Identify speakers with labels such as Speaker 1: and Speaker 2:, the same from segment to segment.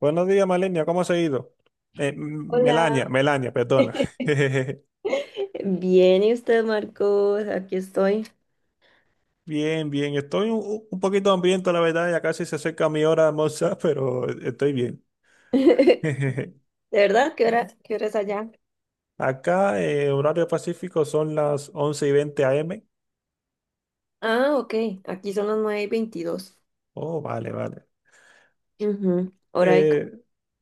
Speaker 1: Buenos días, Malenia, ¿cómo has ido? Eh, M-
Speaker 2: Hola.
Speaker 1: Melania, Melania, perdona.
Speaker 2: Bien, ¿y usted, Marcos? Aquí estoy.
Speaker 1: Bien, bien, estoy un poquito hambriento, la verdad, ya casi se acerca mi hora de almorzar, pero estoy bien.
Speaker 2: ¿De verdad? Qué hora es allá?
Speaker 1: Acá, horario pacífico, son las once y 20 AM.
Speaker 2: Ah, ok. Aquí son las 9 y 22.
Speaker 1: Oh, vale, vale.
Speaker 2: Ujú.
Speaker 1: Eh,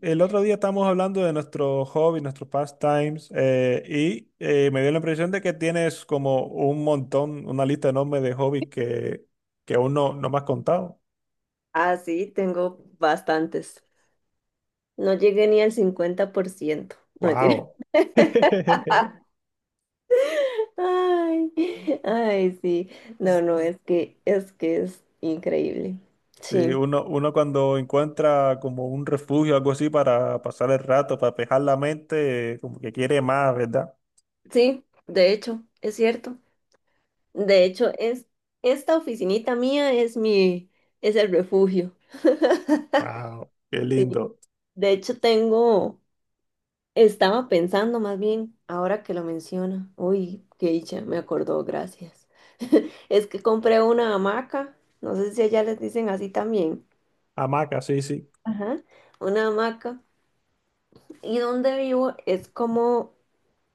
Speaker 1: el otro día estábamos hablando de nuestro hobby, nuestros pastimes, y me dio la impresión de que tienes como un montón, una lista enorme de hobbies que aún no me has contado.
Speaker 2: Ah, sí, tengo bastantes. No llegué ni al 50%. No, mentira.
Speaker 1: Wow.
Speaker 2: Ay, ay, sí. No, es que es que es increíble.
Speaker 1: Sí,
Speaker 2: Sí,
Speaker 1: uno cuando encuentra como un refugio, algo así para pasar el rato, para despejar la mente, como que quiere más, ¿verdad?
Speaker 2: sí, de hecho, es cierto. De hecho, es esta oficinita mía es el refugio.
Speaker 1: Wow, qué
Speaker 2: Sí.
Speaker 1: lindo.
Speaker 2: De hecho, estaba pensando más bien, ahora que lo menciona, uy, qué dicha, me acordó, gracias. Es que compré una hamaca, no sé si allá les dicen así también.
Speaker 1: Hamaca, sí, sí.
Speaker 2: Ajá, una hamaca, y donde vivo es como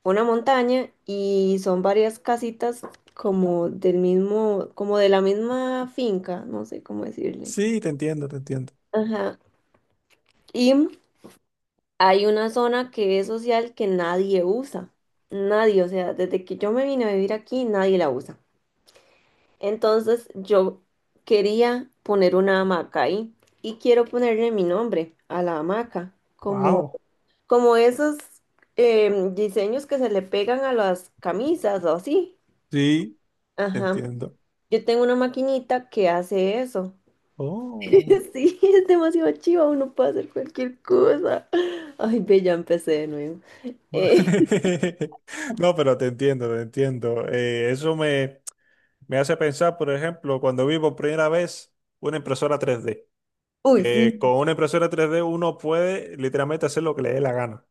Speaker 2: una montaña y son varias casitas como del mismo, como de la misma finca, no sé cómo decirle.
Speaker 1: Sí, te entiendo, te entiendo.
Speaker 2: Ajá, y hay una zona que es social que nadie usa. Nadie, o sea, desde que yo me vine a vivir aquí, nadie la usa. Entonces yo quería poner una hamaca ahí y quiero ponerle mi nombre a la hamaca, como,
Speaker 1: Wow,
Speaker 2: como esos diseños que se le pegan a las camisas o así.
Speaker 1: sí, te
Speaker 2: Ajá.
Speaker 1: entiendo.
Speaker 2: Yo tengo una maquinita que hace eso.
Speaker 1: Oh.
Speaker 2: Sí, es demasiado chiva, uno puede hacer cualquier cosa. Ay, ve, ya empecé de nuevo.
Speaker 1: bu-
Speaker 2: Eh,
Speaker 1: No, pero te entiendo, te entiendo. Eso me hace pensar, por ejemplo, cuando vi por primera vez una impresora 3D
Speaker 2: uy, sí.
Speaker 1: que con una impresora 3D uno puede literalmente hacer lo que le dé la gana.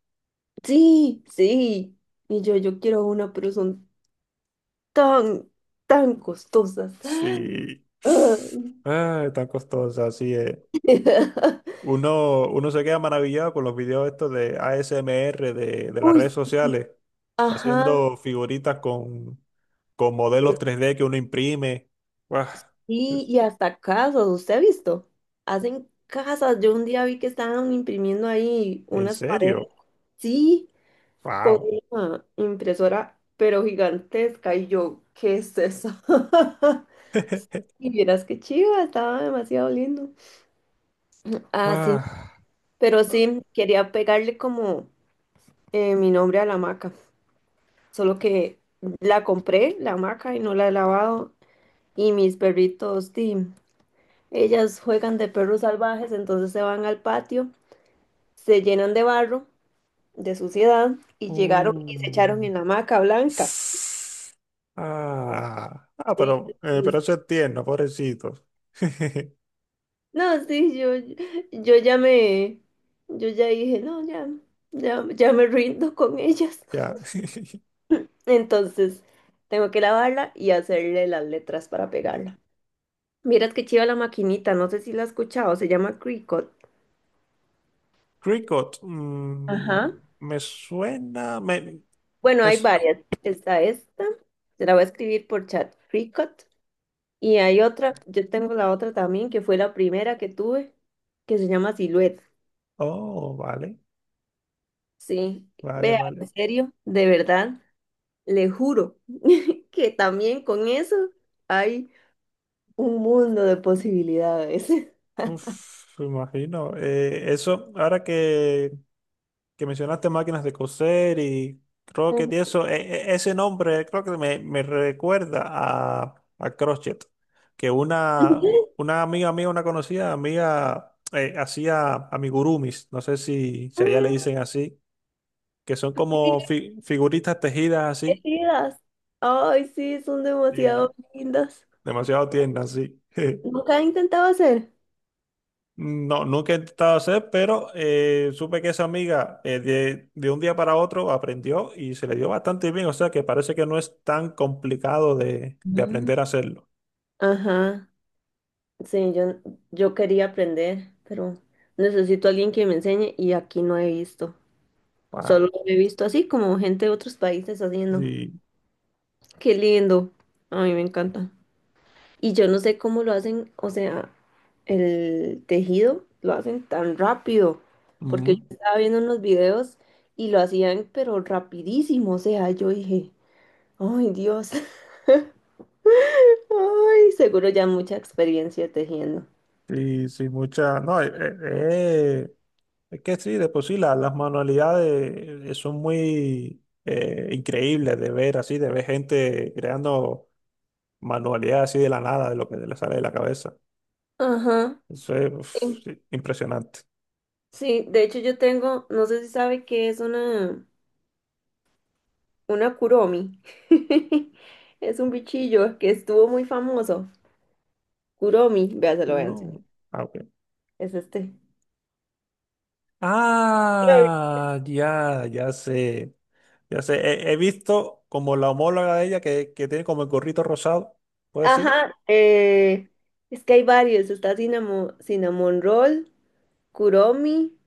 Speaker 2: Sí, sí. Y yo quiero una, pero son tan, tan costosas.
Speaker 1: Sí.
Speaker 2: Ah.
Speaker 1: Ah, tan costosa, así es. Uno se queda maravillado con los videos estos de ASMR de las
Speaker 2: Uy,
Speaker 1: redes sociales,
Speaker 2: ajá,
Speaker 1: haciendo figuritas con modelos 3D que uno imprime. Guau,
Speaker 2: sí,
Speaker 1: es-
Speaker 2: y hasta casas, ¿usted ha visto? Hacen casas, yo un día vi que estaban imprimiendo ahí
Speaker 1: ¿En
Speaker 2: unas paredes,
Speaker 1: serio?
Speaker 2: sí, con
Speaker 1: ¡Wow!
Speaker 2: una impresora, pero gigantesca, y yo, ¿qué es eso? Y vieras qué chiva, estaba demasiado lindo. Ah, sí,
Speaker 1: Ah.
Speaker 2: pero sí, quería pegarle como mi nombre a la maca. Solo que la compré, la hamaca, y no la he lavado. Y mis perritos, di, ellas juegan de perros salvajes, entonces se van al patio, se llenan de barro, de suciedad, y llegaron y se echaron
Speaker 1: Uh.
Speaker 2: en la hamaca blanca.
Speaker 1: Ah, ah,
Speaker 2: Sí,
Speaker 1: pero, eh,
Speaker 2: entonces,
Speaker 1: pero eso es tierno, pobrecito.
Speaker 2: no, sí, yo ya me, yo ya dije, no, ya, ya, ya me rindo con ellas.
Speaker 1: Ya.
Speaker 2: Entonces, tengo que lavarla y hacerle las letras para pegarla. Miras que chiva la maquinita, no sé si la has escuchado, se llama Cricut.
Speaker 1: Cricket,
Speaker 2: Ajá.
Speaker 1: me suena.
Speaker 2: Bueno, hay
Speaker 1: S-
Speaker 2: varias. Está esta, se la voy a escribir por chat Freecot. Y hay otra, yo tengo la otra también, que fue la primera que tuve, que se llama Silhouette.
Speaker 1: oh, vale,
Speaker 2: Sí,
Speaker 1: vale,
Speaker 2: vea,
Speaker 1: vale.
Speaker 2: en serio, de verdad, le juro que también con eso hay un mundo de posibilidades.
Speaker 1: Uf, me imagino. Eso, ahora que mencionaste máquinas de coser y croquet y
Speaker 2: Ujú.
Speaker 1: eso, ese nombre creo que me recuerda a crochet, que una amiga mía, una conocida amiga, hacía amigurumis, no sé si allá le
Speaker 2: Mm,
Speaker 1: dicen así, que son
Speaker 2: sí,
Speaker 1: como figuritas tejidas así
Speaker 2: elegidas. Ay, sí, son
Speaker 1: y
Speaker 2: demasiado lindas.
Speaker 1: demasiado tiernas, sí.
Speaker 2: ¿Nunca he intentado hacer?
Speaker 1: No, nunca he intentado hacer, pero supe que esa amiga de un día para otro aprendió y se le dio bastante bien, o sea que parece que no es tan complicado de
Speaker 2: Mm.
Speaker 1: aprender a hacerlo.
Speaker 2: Ajá. Sí, yo quería aprender, pero necesito a alguien que me enseñe y aquí no he visto. Solo
Speaker 1: Pa-
Speaker 2: he visto así como gente de otros países haciendo.
Speaker 1: sí,
Speaker 2: Qué lindo. A mí me encanta. Y yo no sé cómo lo hacen, o sea, el tejido lo hacen tan rápido, porque yo
Speaker 1: ujú,
Speaker 2: estaba viendo unos videos y lo hacían pero rapidísimo, o sea, yo dije, ay Dios, ay, seguro ya mucha experiencia tejiendo.
Speaker 1: sí, sí, mucha, no, eh, es que sí, de por sí las manualidades son muy increíbles de ver así, de ver gente creando manualidades así de la nada, de lo que le sale de la cabeza.
Speaker 2: Ajá.
Speaker 1: Eso es uf,
Speaker 2: em,
Speaker 1: sí, impresionante.
Speaker 2: Sí, de hecho yo tengo, no sé si sabe que es una Kuromi. Es un bichillo que estuvo muy famoso. Kuromi, vea, se lo voy a
Speaker 1: Puro.
Speaker 2: enseñar.
Speaker 1: Ah, ok.
Speaker 2: Es este. Ay.
Speaker 1: Ah, ya, ya sé. Ya sé. He visto como la homóloga de ella que tiene como el gorrito rosado. ¿Puede ser?
Speaker 2: Ajá, es que hay varios. Está cinnamon, cinnamon roll, Kuromi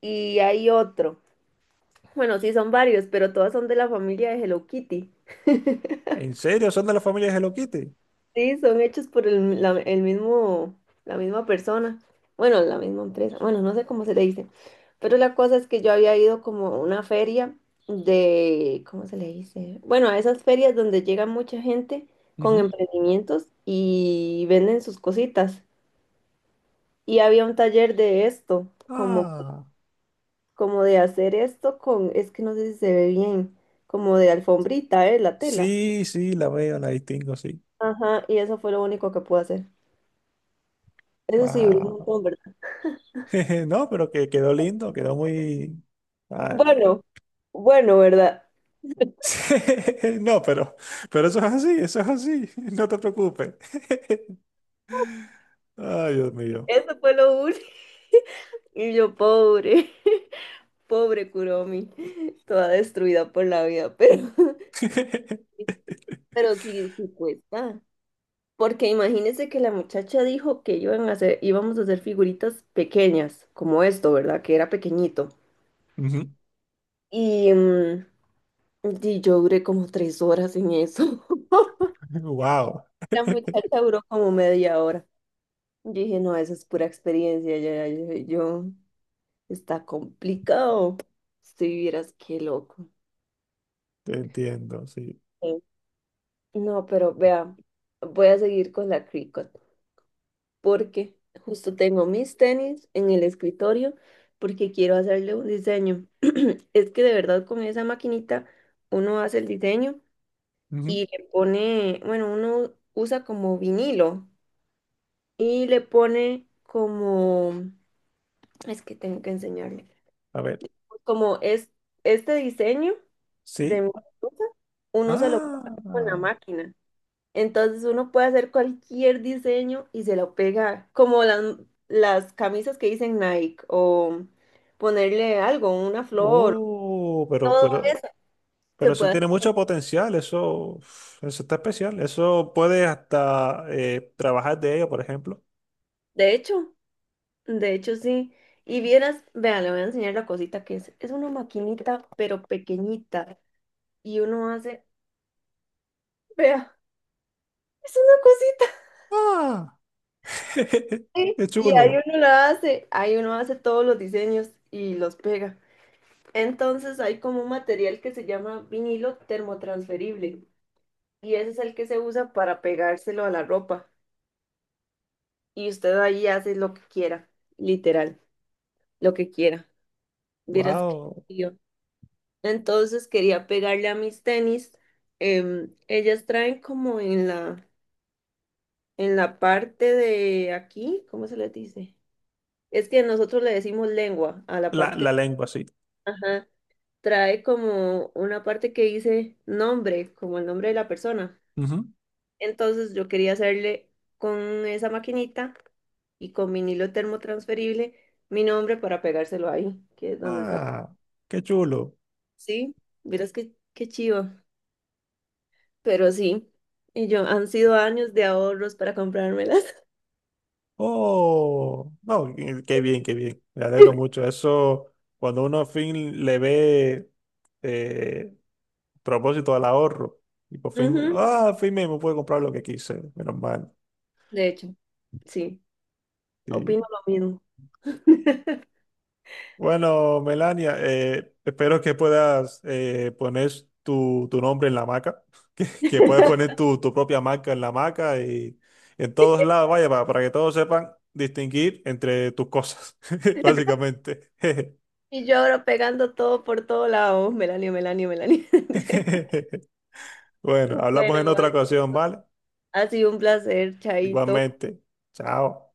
Speaker 2: y hay otro. Bueno, sí, son varios, pero todas son de la familia de Hello Kitty.
Speaker 1: ¿En serio? ¿Son de la familia de Hello Kitty?
Speaker 2: Sí, son hechos por el mismo, la misma persona. Bueno, la misma empresa. Bueno, no sé cómo se le dice. Pero la cosa es que yo había ido como a una feria de, ¿cómo se le dice? Bueno, a esas ferias donde llega mucha gente con
Speaker 1: Ujú.
Speaker 2: emprendimientos y venden sus cositas. Y había un taller de esto, como,
Speaker 1: Ah,
Speaker 2: como de hacer esto con, es que no sé si se ve bien, como de alfombrita, ¿eh? La tela.
Speaker 1: sí, sí, la veo, la distingo, sí.
Speaker 2: Ajá, y eso fue lo único que pude hacer. Eso sí, duró un
Speaker 1: Wow.
Speaker 2: montón, ¿verdad?
Speaker 1: No, pero que quedó lindo, quedó muy. Ah.
Speaker 2: Bueno, bueno, ¿verdad?
Speaker 1: No, pero eso es así, eso es así. No te preocupes. Ay, Dios mío.
Speaker 2: Eso fue lo único. Y yo, pobre, pobre Kuromi, toda destruida por la vida, pero, pero sí, sí cuesta. Porque imagínense que la muchacha dijo que iban a hacer, íbamos a hacer figuritas pequeñas, como esto, ¿verdad? Que era pequeñito.
Speaker 1: Ujú.
Speaker 2: Y y yo duré como 3 horas en eso.
Speaker 1: Wow,
Speaker 2: La muchacha duró como media hora. Yo dije, no, eso es pura experiencia, ya, ya, ya, yo. Está complicado. Si vieras qué loco.
Speaker 1: te entiendo, sí.
Speaker 2: Sí. No, pero vea, voy a seguir con la Cricut porque justo tengo mis tenis en el escritorio porque quiero hacerle un diseño. Es que de verdad con esa maquinita uno hace el diseño
Speaker 1: Ujú.
Speaker 2: y le pone, bueno, uno usa como vinilo y le pone como, es que tengo que enseñarle,
Speaker 1: A ver,
Speaker 2: como es este diseño de
Speaker 1: sí.
Speaker 2: mi blusa, uno se lo pega con la
Speaker 1: Ah,
Speaker 2: máquina. Entonces uno puede hacer cualquier diseño y se lo pega, como las camisas que dicen Nike, o ponerle algo, una flor,
Speaker 1: oh, pero,
Speaker 2: todo
Speaker 1: pero,
Speaker 2: eso se
Speaker 1: pero eso
Speaker 2: puede
Speaker 1: tiene
Speaker 2: hacer.
Speaker 1: mucho potencial, eso, uf, eso está especial, eso puedes hasta trabajar de ello, por ejemplo.
Speaker 2: De hecho, de hecho sí. Y vieras, vea, le voy a enseñar la cosita que es. Es una maquinita, pero pequeñita. Y uno hace, vea, es una cosita.
Speaker 1: Ah,
Speaker 2: Sí,
Speaker 1: qué
Speaker 2: y ahí
Speaker 1: chulo.
Speaker 2: uno la hace, ahí uno hace todos los diseños y los pega. Entonces hay como un material que se llama vinilo termotransferible y ese es el que se usa para pegárselo a la ropa y usted ahí hace lo que quiera, literal, lo que quiera. Vieras que
Speaker 1: Wow,
Speaker 2: yo, entonces quería pegarle a mis tenis. Ellas traen como en la parte de aquí, ¿cómo se le dice? Es que nosotros le decimos lengua a la
Speaker 1: la
Speaker 2: parte,
Speaker 1: lengua, sí.
Speaker 2: ajá, trae como una parte que dice nombre, como el nombre de la persona.
Speaker 1: Ujú.
Speaker 2: Entonces yo quería hacerle con esa maquinita y con vinilo termotransferible mi nombre para pegárselo ahí, que es donde sale.
Speaker 1: Ah, qué chulo.
Speaker 2: Sí, verás qué chivo, pero sí. Y yo, han sido años de ahorros para comprármelas.
Speaker 1: Oh, no, qué bien, qué bien. Me alegro mucho. Eso, cuando uno al fin le ve eh, propósito al ahorro, y por fin,
Speaker 2: Ujú,
Speaker 1: ah, al fin me pude comprar lo que quise, menos mal.
Speaker 2: de hecho, sí,
Speaker 1: Y,
Speaker 2: opino lo mismo.
Speaker 1: bueno, Melania, espero que puedas poner tu nombre en la marca, que puedas poner tu propia marca en la marca y en todos lados, vaya, para que todos sepan distinguir entre tus cosas, básicamente.
Speaker 2: Y yo ahora pegando todo por todo lado. Melanie, Melanie, Melanie.
Speaker 1: Bueno,
Speaker 2: Bueno,
Speaker 1: hablamos en otra
Speaker 2: Mike,
Speaker 1: ocasión, ¿vale?
Speaker 2: ha sido un placer, Chaito.
Speaker 1: Igualmente. Chao.